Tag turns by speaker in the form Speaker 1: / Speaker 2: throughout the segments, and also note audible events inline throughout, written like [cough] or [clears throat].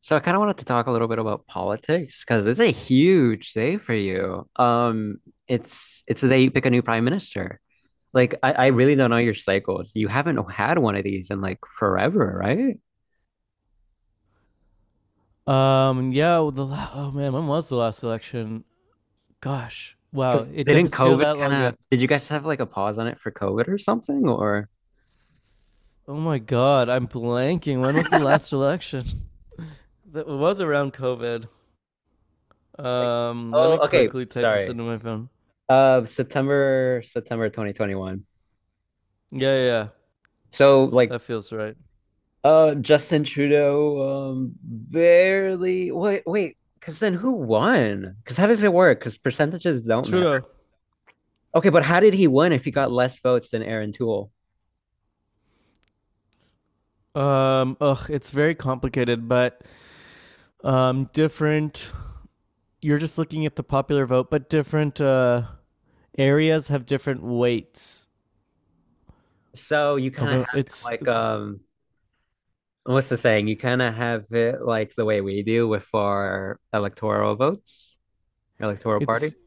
Speaker 1: So I kind of wanted to talk a little bit about politics because it's a huge day for you. It's the day you pick a new prime minister. Like I really don't know your cycles. You haven't had one of these in like forever, right?
Speaker 2: Yeah, well, oh man, when was the last election? Gosh, wow,
Speaker 1: Because
Speaker 2: it
Speaker 1: didn't
Speaker 2: does feel
Speaker 1: COVID
Speaker 2: that
Speaker 1: kind
Speaker 2: long
Speaker 1: of
Speaker 2: ago.
Speaker 1: did you guys have like a pause on it for COVID or something? Or
Speaker 2: Oh my god, I'm blanking. When was the last election? [laughs] That was around COVID.
Speaker 1: like
Speaker 2: Let
Speaker 1: oh
Speaker 2: me
Speaker 1: okay,
Speaker 2: quickly type this
Speaker 1: sorry.
Speaker 2: into my phone.
Speaker 1: September 2021.
Speaker 2: Yeah, yeah, yeah,
Speaker 1: So like
Speaker 2: that feels right.
Speaker 1: Justin Trudeau, barely. Wait, wait, because then who won? Because how does it work? Because percentages don't matter.
Speaker 2: Trudeau.
Speaker 1: Okay, but how did he win if he got less votes than Aaron Toole?
Speaker 2: It's very complicated, but different. You're just looking at the popular vote, but different areas have different weights
Speaker 1: So you kind
Speaker 2: of
Speaker 1: of have it like, what's the saying? You kind of have it like the way we do with our electoral votes, electoral
Speaker 2: it's
Speaker 1: parties.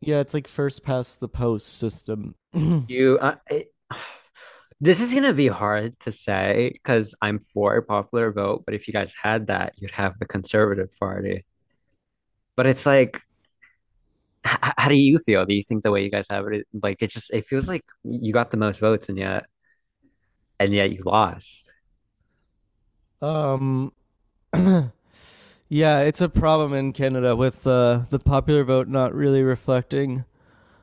Speaker 2: yeah, it's like first past the post system. [clears throat]
Speaker 1: You, uh, it, [sighs] this is gonna be hard to say because I'm for a popular vote, but if you guys had that, you'd have the Conservative Party. But it's like how do you feel? Do you think the way you guys have it, like it just it feels like you got the most votes and yet you lost.
Speaker 2: um [clears throat] yeah, it's a problem in Canada with the popular vote not really reflecting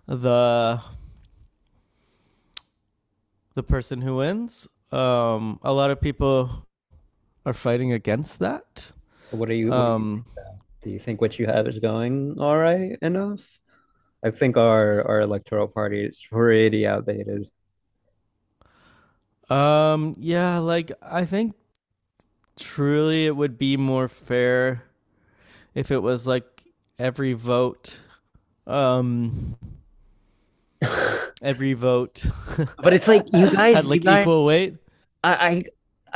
Speaker 2: the the person who wins. A lot of people are fighting against that.
Speaker 1: What
Speaker 2: Um
Speaker 1: do you think what you have is going all right enough? I think our electoral party is pretty outdated.
Speaker 2: yeah, like I think truly it would be more fair if it was like every vote um
Speaker 1: [laughs]
Speaker 2: every vote
Speaker 1: But it's like you
Speaker 2: [laughs] had
Speaker 1: guys, you
Speaker 2: like equal
Speaker 1: guys,
Speaker 2: weight.
Speaker 1: I, I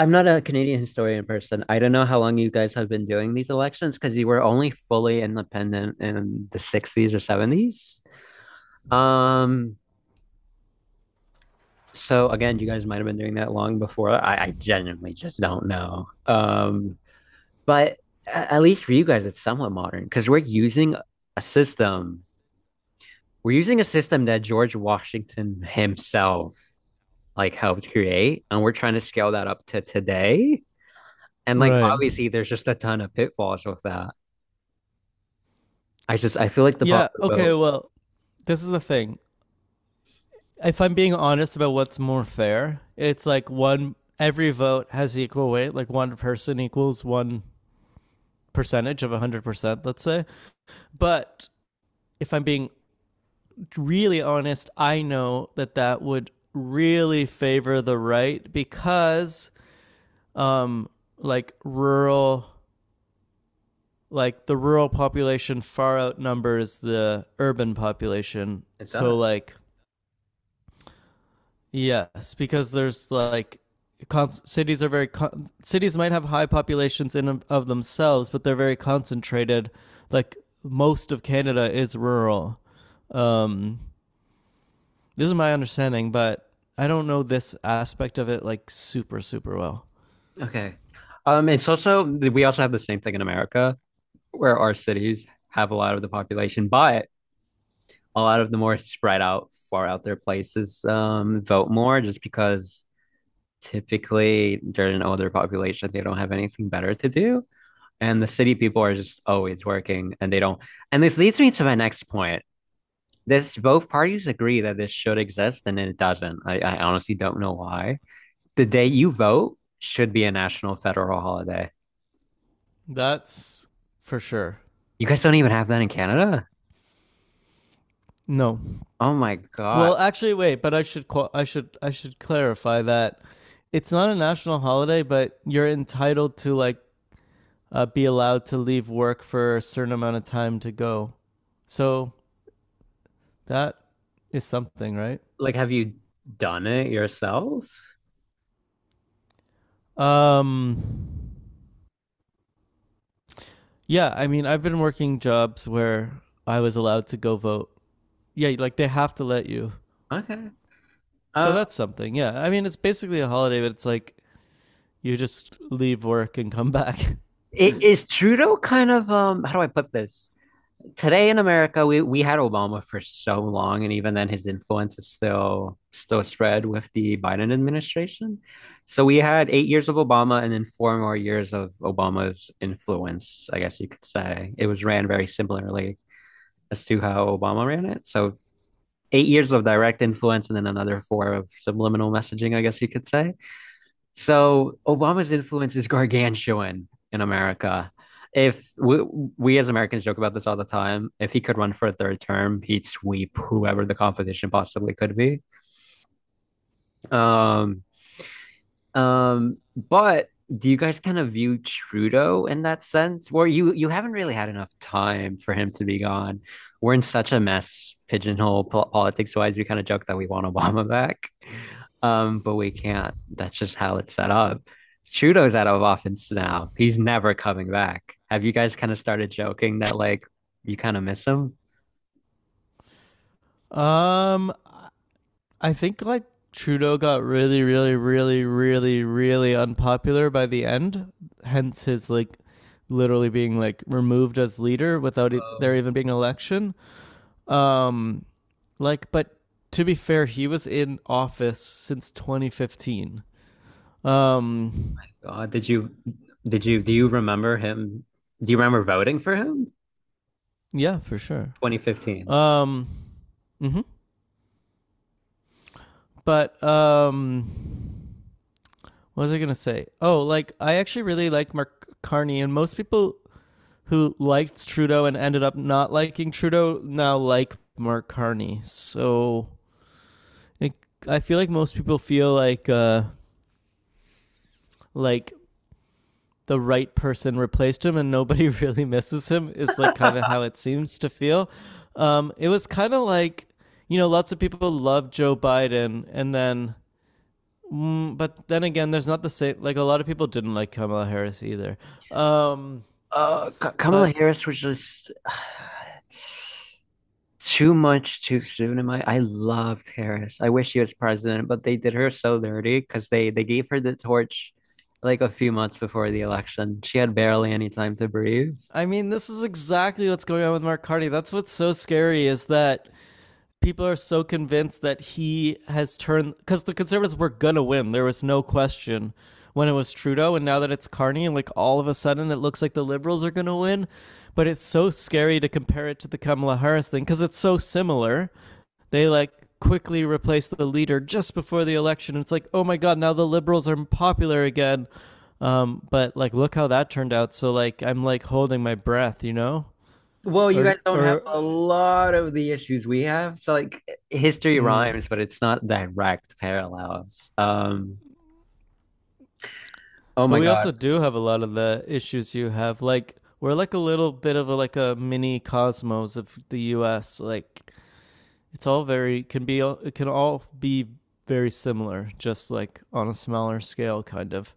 Speaker 1: I'm not a Canadian historian person. I don't know how long you guys have been doing these elections because you were only fully independent in the 60s or 70s. Um, so again, you guys might have been doing that long before. I genuinely just don't know. But at least for you guys, it's somewhat modern because we're using a system. We're using a system that George Washington himself like helped create, and we're trying to scale that up to today. And like
Speaker 2: Right.
Speaker 1: obviously, there's just a ton of pitfalls with that. I feel like the
Speaker 2: Yeah.
Speaker 1: popular
Speaker 2: Okay.
Speaker 1: vote.
Speaker 2: Well, this is the thing. If I'm being honest about what's more fair, it's like one, every vote has equal weight. Like one person equals one percentage of 100%, let's say. But if I'm being really honest, I know that that would really favor the right because, um, like rural, like the rural population far outnumbers the urban population.
Speaker 1: It does.
Speaker 2: So, like, yes, because there's like cities are very cities might have high populations in themselves, but they're very concentrated. Like most of Canada is rural. Um, this is my understanding, but I don't know this aspect of it like super super well.
Speaker 1: Okay. It's also we also have the same thing in America where our cities have a lot of the population, but a lot of the more spread out, far out there places vote more just because typically they're an older population. They don't have anything better to do. And the city people are just always working and they don't. And this leads me to my next point. This both parties agree that this should exist and it doesn't. I honestly don't know why. The day you vote should be a national federal holiday.
Speaker 2: That's for sure.
Speaker 1: You guys don't even have that in Canada?
Speaker 2: No.
Speaker 1: Oh my God.
Speaker 2: Well, actually, wait. But I should I should clarify that it's not a national holiday, but you're entitled to like be allowed to leave work for a certain amount of time to go. So that is something, right?
Speaker 1: Like, have you done it yourself?
Speaker 2: Um, yeah, I mean, I've been working jobs where I was allowed to go vote. Yeah, like they have to let you.
Speaker 1: Okay.
Speaker 2: So
Speaker 1: Um,
Speaker 2: that's something. Yeah, I mean, it's basically a holiday, but it's like you just leave work and come back.
Speaker 1: is Trudeau kind of how do I put this? Today in America, we had Obama for so long, and even then his influence is still spread with the Biden administration. So we had 8 years of Obama and then four more years of Obama's influence, I guess you could say. It was ran very similarly as to how Obama ran it. So 8 years of direct influence and then another four of subliminal messaging, I guess you could say. So Obama's influence is gargantuan in America. If we, we as Americans joke about this all the time, if he could run for a third term, he'd sweep whoever the competition possibly could be. Um, but do you guys kind of view Trudeau in that sense? Where you haven't really had enough time for him to be gone. We're in such a mess, pigeonhole po politics wise. We kind of joke that we want Obama [laughs] back, but we can't. That's just how it's set up. Trudeau's out of office now. He's never coming back. Have you guys kind of started joking that like you kind of miss him?
Speaker 2: [laughs] um, I think like Trudeau got really, really, really, really, really unpopular by the end. Hence his like literally being like removed as leader without there
Speaker 1: Oh
Speaker 2: even being an election. Um, like, but To be fair, he was in office since 2015. Um,
Speaker 1: God, did you do you remember him? Do you remember voting for him?
Speaker 2: yeah, for sure.
Speaker 1: 2015.
Speaker 2: Um, hmm but What was I gonna say? Oh, like I actually really like Mark Carney, and most people who liked Trudeau and ended up not liking Trudeau now like Mark Carney. So it, I feel like most people feel like like the right person replaced him and nobody [laughs] really misses him is like kind of how it seems to feel. It was kind of like you know lots of people love Joe Biden and then. Mm, but then again, there's not the same. Like a lot of people didn't like Kamala Harris either. Um,
Speaker 1: Kamala
Speaker 2: but
Speaker 1: Harris was just [sighs] too much too soon. Am I? I loved Harris. I wish she was president, but they did her so dirty because they gave her the torch like a few months before the election. She had barely any time to breathe.
Speaker 2: I mean, this is exactly what's going on with Mark Carty. That's what's so scary is that people are so convinced that he has turned because the conservatives were gonna win, there was no question when it was Trudeau, and now that it's Carney, like all of a sudden it looks like the liberals are gonna win. But it's so scary to compare it to the Kamala Harris thing because it's so similar. They like quickly replaced the leader just before the election. It's like oh my god, now the liberals are popular again. But like look how that turned out, so like I'm like holding my breath, you know?
Speaker 1: Well, you guys don't have
Speaker 2: Or
Speaker 1: a lot of the issues we have. So like history rhymes,
Speaker 2: Mm,
Speaker 1: but it's not direct parallels. Oh
Speaker 2: but
Speaker 1: my
Speaker 2: we
Speaker 1: God.
Speaker 2: also do have a lot of the issues you have. Like we're like a little bit of a, like a mini cosmos of the U.S. Like it can all be very similar, just like on a smaller scale, kind of.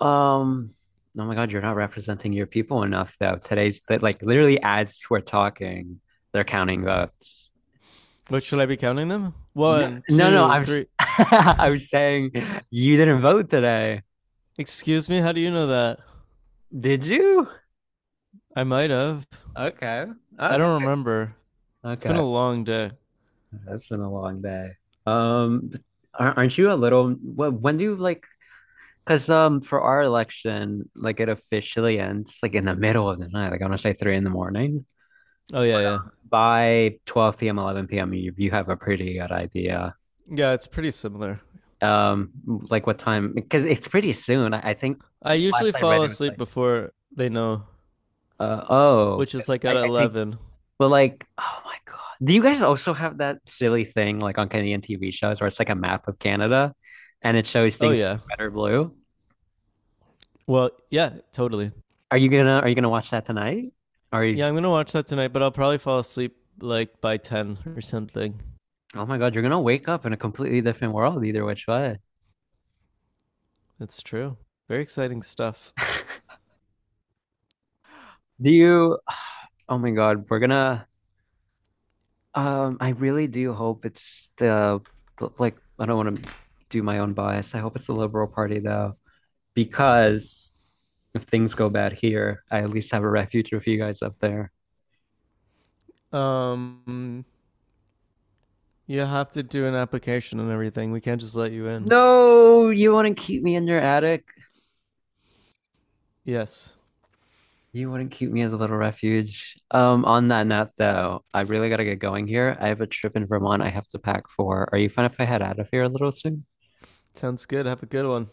Speaker 1: Um, oh my God, you're not representing your people enough, though. Today's like literally as we're talking, they're counting votes.
Speaker 2: What, should I be counting them?
Speaker 1: No,
Speaker 2: One,
Speaker 1: no, no, I
Speaker 2: two,
Speaker 1: was
Speaker 2: three.
Speaker 1: [laughs] I was saying you didn't vote today.
Speaker 2: Excuse me, how do you know that?
Speaker 1: Did you?
Speaker 2: I might have.
Speaker 1: Okay.
Speaker 2: I
Speaker 1: Okay.
Speaker 2: don't remember. It's been
Speaker 1: Okay.
Speaker 2: a long day.
Speaker 1: That's been a long day. Um, aren't you a little when do you like because for our election, like it officially ends like in the middle of the night, like I want to say three in the morning.
Speaker 2: Oh yeah, yeah,
Speaker 1: By 12 p.m., 11 p.m., you have a pretty good idea.
Speaker 2: yeah. It's pretty similar.
Speaker 1: Like what time? Because it's pretty soon. I think
Speaker 2: I usually
Speaker 1: last I read
Speaker 2: fall
Speaker 1: it was
Speaker 2: asleep
Speaker 1: like,
Speaker 2: before they know,
Speaker 1: uh, oh,
Speaker 2: which is like at
Speaker 1: I, I think,
Speaker 2: 11.
Speaker 1: well, like, oh my God. Do you guys also have that silly thing like on Canadian TV shows where it's like a map of Canada and it shows
Speaker 2: Oh
Speaker 1: things
Speaker 2: yeah.
Speaker 1: red or blue?
Speaker 2: Well, yeah, totally.
Speaker 1: Are you gonna watch that tonight? Are you
Speaker 2: Yeah, I'm gonna watch that tonight, but I'll probably fall asleep like by ten or something.
Speaker 1: Oh my God, you're gonna wake up in a completely different world either which way.
Speaker 2: That's true. Very exciting stuff.
Speaker 1: Do you, oh my God, we're gonna, I really do hope it's the like I don't want to do my own bias. I hope it's the Liberal Party though, because if things go bad here, I at least have a refuge with you guys up there.
Speaker 2: Um, you have to do an application and everything. We can't just let you in.
Speaker 1: No, you wouldn't keep me in your attic.
Speaker 2: Yes,
Speaker 1: You wouldn't keep me as a little refuge. On that note though, I really gotta get going here. I have a trip in Vermont I have to pack for. Are you fine if I head out of here a little soon?
Speaker 2: sounds good. Have a good one.